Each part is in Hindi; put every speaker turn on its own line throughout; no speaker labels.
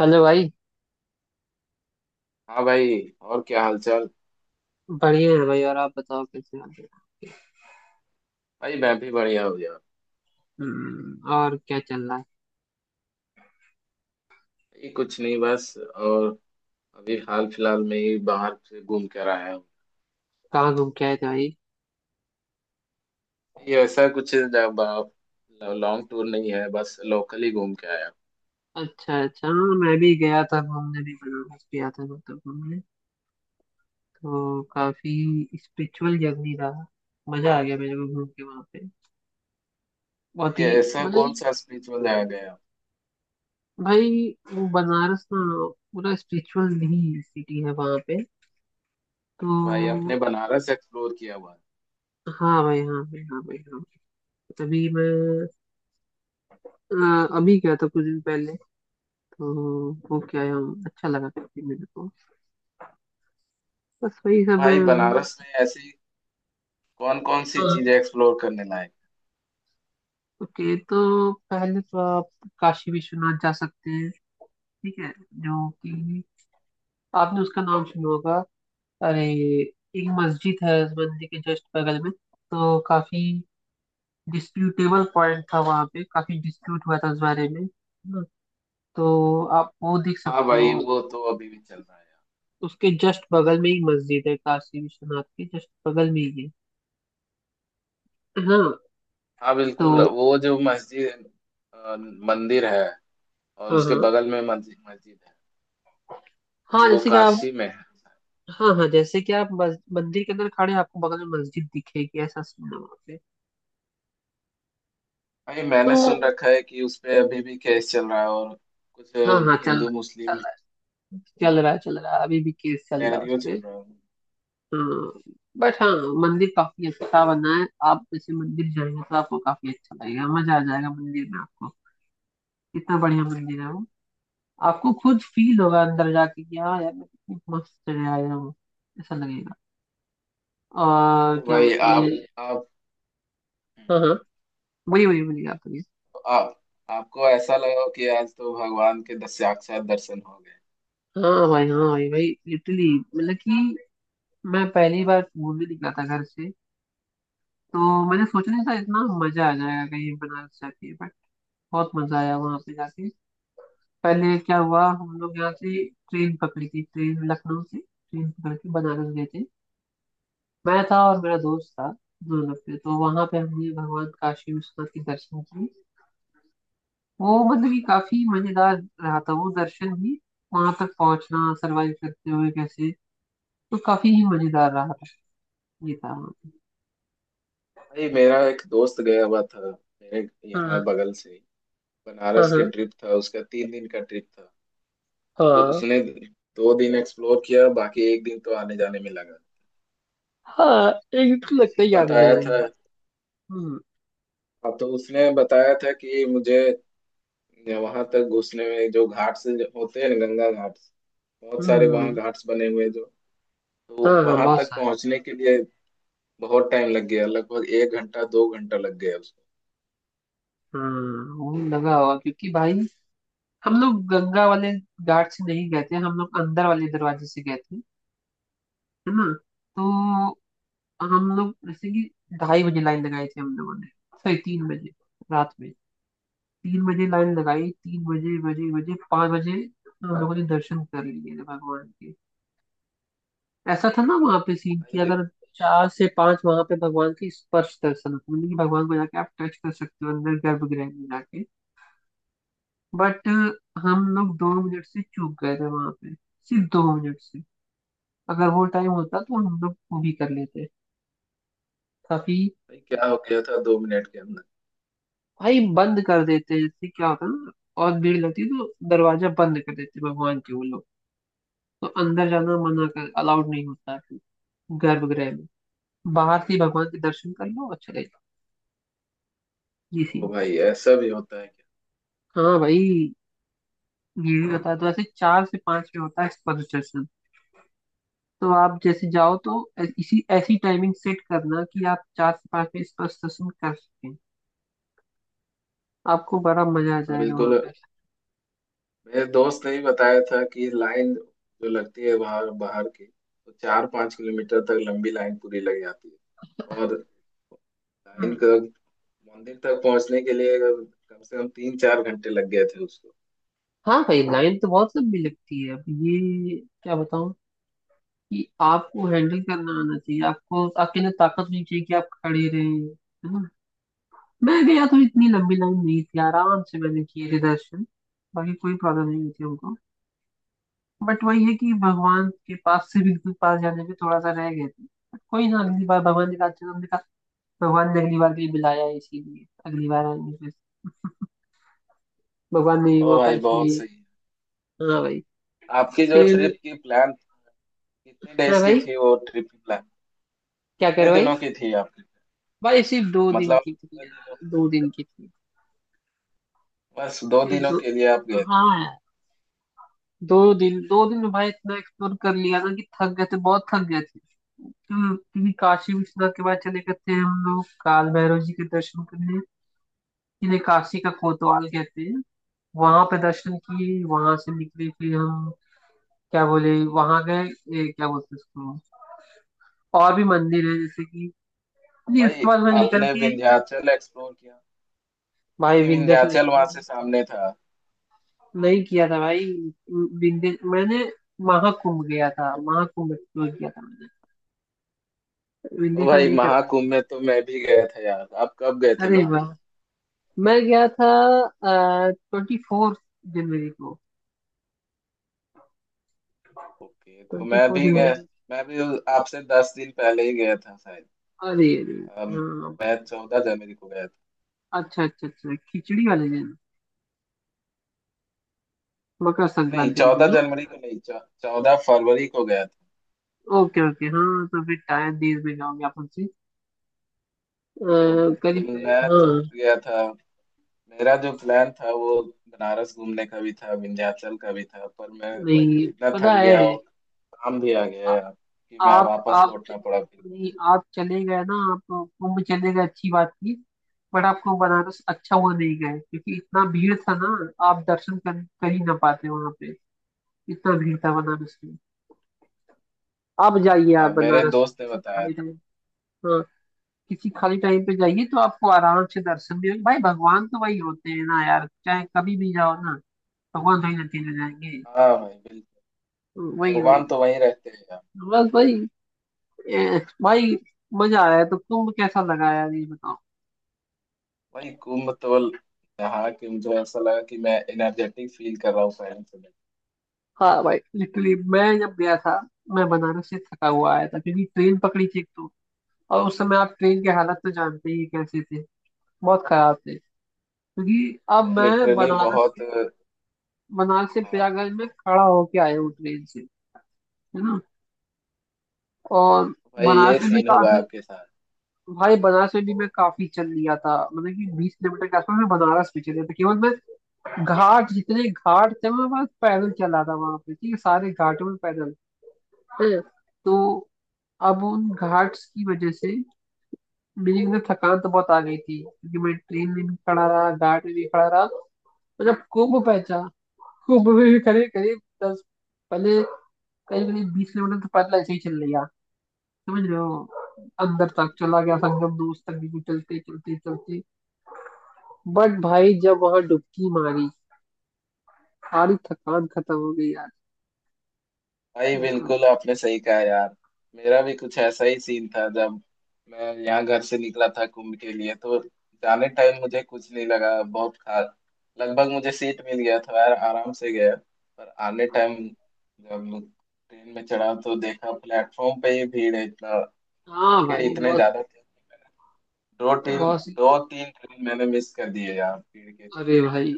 हेलो भाई।
हाँ भाई, और क्या हालचाल।
बढ़िया है भाई, और आप बताओ कैसे हाल है।
भाई मैं भी बढ़िया हो गया।
और क्या चल रहा है।
ये कुछ नहीं, बस और अभी हाल फिलहाल में ही बाहर से घूम कर आया हूँ।
कहाँ घूम के आए थे भाई।
ये ऐसा कुछ लॉन्ग टूर नहीं है, बस लोकल ही घूम के आया
अच्छा अच्छा, हाँ, मैं भी गया था घूमने, भी बनारस गया था मतलब घूमने। तो काफी स्पिरिचुअल जर्नी रहा। मजा आ गया मेरे को घूम के वहाँ पे।
हूँ।
बहुत ही
ये ऐसा
मतलब
कौन सा स्पिरिचुअल जगह गया?
भाई, वो बनारस ना पूरा स्पिरिचुअल ही सिटी है वहाँ पे
अच्छा, भाई
तो।
आपने बनारस एक्सप्लोर किया हुआ है?
हाँ भाई, हाँ भाई, हाँ भाई, हाँ भाई। तभी मैं अभी गया था कुछ दिन पहले। ओके आई हम, अच्छा लगा काफी मेरे को। बस वही सब है
भाई बनारस में ऐसी कौन कौन सी
हाँ,
चीजें एक्सप्लोर करने लायक?
ओके। तो पहले तो आप काशी विश्वनाथ जा सकते हैं, ठीक है, जो कि आपने उसका नाम सुना होगा। अरे, एक मस्जिद है उस मंदिर के जस्ट बगल में, तो काफी डिस्प्यूटेबल पॉइंट था वहाँ पे, काफी डिस्प्यूट हुआ था उस बारे में ना। तो आप वो देख
हाँ
सकते
भाई,
हो।
वो तो अभी भी चल रहा है।
उसके जस्ट बगल में ही मस्जिद है, काशी विश्वनाथ के जस्ट बगल में ही है। हाँ
हाँ बिल्कुल,
तो।
वो जो मस्जिद मंदिर है, और
हाँ
उसके
हाँ,
बगल में मस्जिद मस्जिद है,
हाँ
तो वो
जैसे कि आप,
काशी में है।
हाँ हाँ, जैसे कि आप मंदिर के अंदर खड़े हैं, आपको बगल में मस्जिद दिखेगी, ऐसा सीन है वहाँ पे
भाई
तो।
मैंने सुन रखा है कि उस पे अभी भी केस चल रहा है, और कुछ
हाँ हाँ, चल
हिंदू मुस्लिम
चल रहा है, चल रहा है, चल रहा है, अभी भी केस चल रहा है
सिनेरियो चल
उसपे।
रहा है।
हाँ, बट हाँ, मंदिर काफी अच्छा बना है। आप जैसे मंदिर जाएंगे तो आपको काफी अच्छा लगेगा, मजा आ जाएगा मंदिर में आपको, इतना बढ़िया मंदिर है वो। आपको खुद फील होगा अंदर जाके कि हाँ यार, मैं कितनी मस्त जगह आया हूँ, ऐसा लगेगा। और
तो
क्या
भाई
बोलते हैं।
आप,
हाँ
हम्म।
हाँ, वही वही बोलिए, आप बोलिए।
तो आप, आपको ऐसा लगा कि आज तो भगवान के 10 साक्षात दर्शन हो गए?
हाँ भाई, हाँ भाई, भाई, इटली मतलब कि मैं पहली बार घूमने निकला था घर से, तो मैंने सोचा नहीं था इतना मजा आ जाएगा कहीं बनारस जाके, बट बहुत मजा आया वहां पे जाके। पहले क्या हुआ, हम लोग यहाँ से ट्रेन पकड़ी थी, ट्रेन लखनऊ से ट्रेन पकड़ के बनारस गए थे, मैं था और मेरा दोस्त था, दोनों पे। तो वहां पे हमने भगवान काशी विश्वनाथ के दर्शन किए, वो मतलब कि काफी मजेदार रहा था वो दर्शन भी, वहां तक पहुंचना सरवाइव करते हुए कैसे, तो काफी ही मजेदार रहा था, ये था।
भाई, मेरा एक दोस्त गया हुआ था मेरे यहाँ
हाँ
बगल से ही।
हाँ
बनारस
हाँ
के ट्रिप था, उसका 3 दिन का ट्रिप था। तो
हाँ
उसने 2 दिन एक्सप्लोर किया, बाकी एक दिन तो आने जाने में लगा।
हाँ हाँ, एकदम
तो
लगता है
उसने
याद है
बताया
जाने।
था।
हम्म
हाँ, तो उसने बताया था कि मुझे या वहां तक घुसने में जो घाट्स होते हैं ना, गंगा घाट्स, बहुत सारे वहां
हम्म
घाट्स बने हुए हैं जो।
हाँ
तो
हाँ,
वहां
बहुत
तक
सारे।
पहुंचने के लिए बहुत टाइम लग गया, लगभग एक घंटा दो घंटा लग गया उसको।
वो लगा हुआ, क्योंकि भाई हम लोग गंगा वाले घाट से नहीं गए थे, हम लोग अंदर वाले दरवाजे से गए थे, है ना। तो हम लोग जैसे कि 2:30 बजे लाइन लगाई थी हम लोगों ने, सॉरी, 3 बजे, रात में 3 बजे लाइन लगाई, तीन बजे बजे बजे 5 बजे हम लोगों ने दर्शन कर लिए थे भगवान के। ऐसा था ना वहां पे सीन कि
भाई
अगर 4 से 5 वहां पे भगवान की स्पर्श दर्शन होता है, यानी कि भगवान को जाके आप टच कर सकते हो अंदर गर्भगृह में जाके, बट हम लोग 2 मिनट से चूक गए थे वहां पे, सिर्फ 2 मिनट से। अगर वो टाइम होता तो हम लोग वो भी कर लेते, काफी।
भाई, क्या हो गया था 2 मिनट के अंदर?
भाई बंद कर देते, इससे क्या होता है ना, और भीड़ लगती है तो दरवाजा बंद कर देते भगवान के वो लोग, तो अंदर जाना मना कर, अलाउड नहीं होता है फिर गर्भगृह में, बाहर से ही भगवान के दर्शन कर लो और चले जाओ, ये सीन
ओ
था।
भाई, ऐसा भी होता है क्या?
हाँ भाई, ये भी बता दो, ऐसे 4 से 5 में होता है एक्सपोजर सेशन, तो आप जैसे जाओ तो इसी ऐसी टाइमिंग सेट करना कि आप 4 से 5 में एक्सपोजर सेशन कर सकें, आपको बड़ा मजा आ
हाँ
जाएगा वहां
बिल्कुल,
पर।
मेरे दोस्त ने ही बताया था कि लाइन जो लगती है बाहर बाहर की, तो 4-5 किलोमीटर तक लंबी लाइन पूरी लग जाती है। और लाइन
हम्म
का मंदिर तक पहुंचने के लिए कम से कम 3-4 घंटे लग गए थे उसको।
हाँ भाई, लाइन तो बहुत लंबी लगती है, अब ये क्या बताऊं कि आपको हैंडल करना आना चाहिए, आपको आपके अंदर ताकत होनी चाहिए कि आप खड़े रहे, है ना। मैं गया तो इतनी लंबी लाइन नहीं थी, आराम से मैंने किए थे दर्शन, बाकी कोई प्रॉब्लम नहीं हुई थी हमको। बट वही है कि भगवान के पास से बिल्कुल पास जाने में थोड़ा सा रह गए थे, बट कोई ना, अगली बार भगवान ने कहा चलो, हमने कहा भगवान ने अगली बार के लिए बुलाया है इसीलिए अगली बार आएंगे फिर। भगवान ने ये
ओ
मौका
भाई बहुत
इसलिए।
सही।
हाँ भाई,
आपकी जो ट्रिप
फिर
की प्लान, कितने
हाँ
डेज की
भाई,
थी वो ट्रिप की प्लान?
क्या
कितने
करो भाई,
दिनों की थी आपकी?
भाई सिर्फ 2 दिन
मतलब
की थी
कितने दिनों
यार,
की,
2 दिन की थी,
बस दो
सिर्फ
दिनों
दो,
के लिए आप गए थे?
हाँ यार, 2 दिन। 2 दिन में भाई इतना एक्सप्लोर कर लिया ना कि थक गए थे, बहुत थक गए थे। क्योंकि काशी विश्वनाथ के बाद चले गए थे हम लोग काल भैरव जी के दर्शन करने, इन्हें काशी का कोतवाल कहते हैं, वहां पे दर्शन किए, वहां से निकले फिर हम, क्या बोले, वहां गए क्या बोलते हैं उसको, और भी मंदिर है जैसे कि, नहीं
भाई
उसके बाद मैं निकल
आपने
के।
विंध्याचल एक्सप्लोर किया?
भाई
भाई
विंध्याचल
विंध्याचल
एक्सप्लोर
वहां से सामने था।
नहीं किया था भाई, विंध्य मैंने महाकुंभ गया था, महाकुंभ एक्सप्लोर किया था मैंने,
ओ
विंध्याचल
भाई,
नहीं कर पाया।
महाकुंभ में तो मैं भी गया था यार, आप कब गए थे
अरे वाह,
महाकुंभ?
मैं गया था 24 जनवरी को,
ओके, तो
ट्वेंटी
मैं
फोर
भी
जनवरी
गया।
को।
मैं भी आपसे 10 दिन पहले ही गया था शायद।
अरे अरे,
अम,
हाँ but-।
मैं 14 जनवरी को गया था।
अच्छा अच्छा अच्छा, खिचड़ी वाले दिन, मकर
नहीं,
संक्रांति के
चौदह
दिन ना।
जनवरी को नहीं, 14 फरवरी को गया था।
ओके ओके, हाँ तो फिर टाइम दे में जाओगे आप हमसे,
तो
करीब करीब,
मैं चूक
हाँ,
गया था। मेरा जो प्लान था, वो बनारस घूमने का भी था, विंध्याचल का भी था, पर मैं
नहीं,
इतना
पता
थक
है।
गया और काम भी आ गया
आ,
यार, कि मैं
आप
वापस लौटना पड़ा फिर।
नहीं, आप चले गए ना, आप कुंभ चले गए, अच्छी बात थी। बट आपको बनारस अच्छा हुआ नहीं गए, क्योंकि इतना भीड़ था ना, आप दर्शन कर ही ना पाते वहां पे, इतना भीड़ था बनारस में। आप जाइए, आप
हाँ, मेरे
बनारस
दोस्त ने
किसी
बताया
खाली
था।
टाइम, हाँ, किसी खाली टाइम पे जाइए तो आपको आराम से दर्शन मिलेंगे। भाई भगवान तो वही होते हैं ना यार, चाहे कभी भी जाओ ना, भगवान थोड़ी ना चेंज हो जाएंगे।
हाँ भाई बिल्कुल।
वही वही।
भगवान तो वहीं रहते हैं यार।
बस भाई, भाई, मजा आया तो तुम कैसा लगा यार ये बताओ।
वही कुंभ तो नहा के मुझे ऐसा लगा कि मैं एनर्जेटिक फील कर रहा हूँ पहले से।
हाँ भाई, लिटरली मैं जब गया था, मैं बनारस से थका हुआ आया था क्योंकि ट्रेन पकड़ी थी एक तो, और उस समय आप ट्रेन के हालत तो जानते ही हैं कैसे थे, बहुत खराब थे। क्योंकि अब
भाई
मैं
लिटरली बहुत।
बनारस से
हाँ
प्रयागराज में खड़ा होके आया हूँ ट्रेन से, है ना। और
भाई,
बनारस
ये
में भी
सीन हुआ
काफी,
आपके साथ?
भाई बनारस में भी मैं काफी चल लिया था, मतलब कि 20 किलोमीटर के आसपास मैं बनारस में चले था केवल मैं, घाट जितने घाट थे मैं बस पैदल चला था वहां पे, ठीक है, सारे घाटों में पैदल। हम्म तो अब उन घाट्स की वजह से मेरी एकदम थकान तो बहुत आ गई थी, क्योंकि मैं ट्रेन में भी खड़ा रहा, घाट में भी खड़ा रहा, तो जब कुंभ पहुंचा, कुंभ में भी करीब करीब दस पहले, करीब करीब 20 किलोमीटर तो पैदल ऐसे ही चल लिया, समझ रहे हो, अंदर तक चला गया, संगम दोस्त तक भी चलते चलते चलते। बट भाई, जब वहां डुबकी मारी, सारी थकान खत्म हो गई यार,
भाई
बिल्कुल।
बिल्कुल, आपने सही कहा यार। मेरा भी कुछ ऐसा ही सीन था, जब मैं यहाँ घर से निकला था कुंभ के लिए, तो जाने टाइम मुझे कुछ नहीं लगा बहुत खास। लगभग मुझे सीट मिल गया था यार, आराम से गया। पर आने टाइम जब ट्रेन में चढ़ा, तो देखा प्लेटफॉर्म पे ही भीड़ है इतना।
हाँ
भीड़
भाई,
इतने
बहुत,
ज्यादा थे, दो तीन
बहुत सी।
दो तीन ट्रेन मैंने मिस कर दिए यार भीड़ के चलते।
अरे भाई,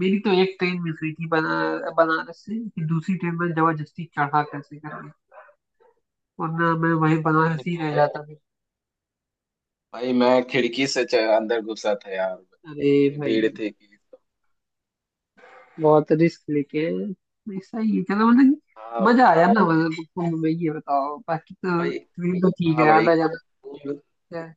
मेरी तो एक ट्रेन मिस हुई थी बनारस से कि दूसरी ट्रेन में जबरदस्ती चढ़ा कैसे करके, वरना मैं वहीं
भाई
बनारस ही रह
लिटरली,
जाता फिर।
भाई मैं खिड़की से अंदर घुसा था यार।
अरे
इतनी
भाई,
भीड़ थी कि।
बहुत रिस्क लेके, ऐसा ही है। चलो, मतलब कि
हाँ
मजा आया ना। मतलब कुंभ में ये बताओ, बाकी तो
भाई,
ट्रेन तो ठीक
हाँ
है,
भाई,
आना जाना
कुंभ
होता है।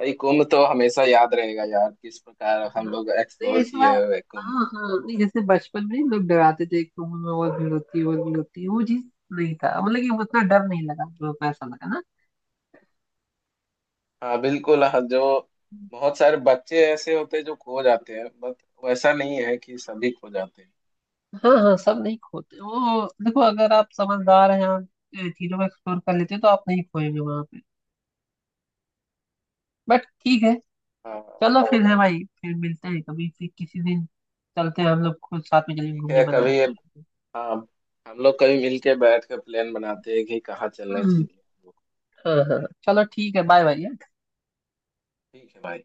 भाई, कुंभ तो हमेशा याद रहेगा यार किस प्रकार हम लोग
नहीं
एक्सप्लोर
ऐसा,
किए हुए कुंभ।
हाँ हाँ नहीं, जैसे बचपन में लोग डराते थे कुंभ में बहुत भीड़ होती है, बहुत भीड़ होती है, वो चीज नहीं था, मतलब कि उतना डर नहीं लगा, जो पैसा लगा।
हाँ बिल्कुल, हाँ, जो बहुत सारे बच्चे ऐसे होते हैं जो खो जाते हैं, बट वैसा नहीं है कि सभी खो जाते हैं।
हाँ हाँ, सब नहीं खोते, वो देखो, अगर आप समझदार हैं, आप चीजों को एक्सप्लोर कर लेते हो तो आप नहीं खोएंगे वहां पे, बट ठीक है।
हाँ,
चलो फिर है भाई, फिर मिलते हैं कभी फिर किसी दिन, चलते हैं हम लोग, खुद साथ में चलेंगे
ठीक
घूमने
है कभी।
बनारस।
हाँ, हम लोग कभी मिलके बैठ कर प्लान बनाते हैं कि कहाँ चलना
हम्म,
चाहिए।
हाँ हाँ, चलो ठीक है, बाय बाय।
ठीक है भाई।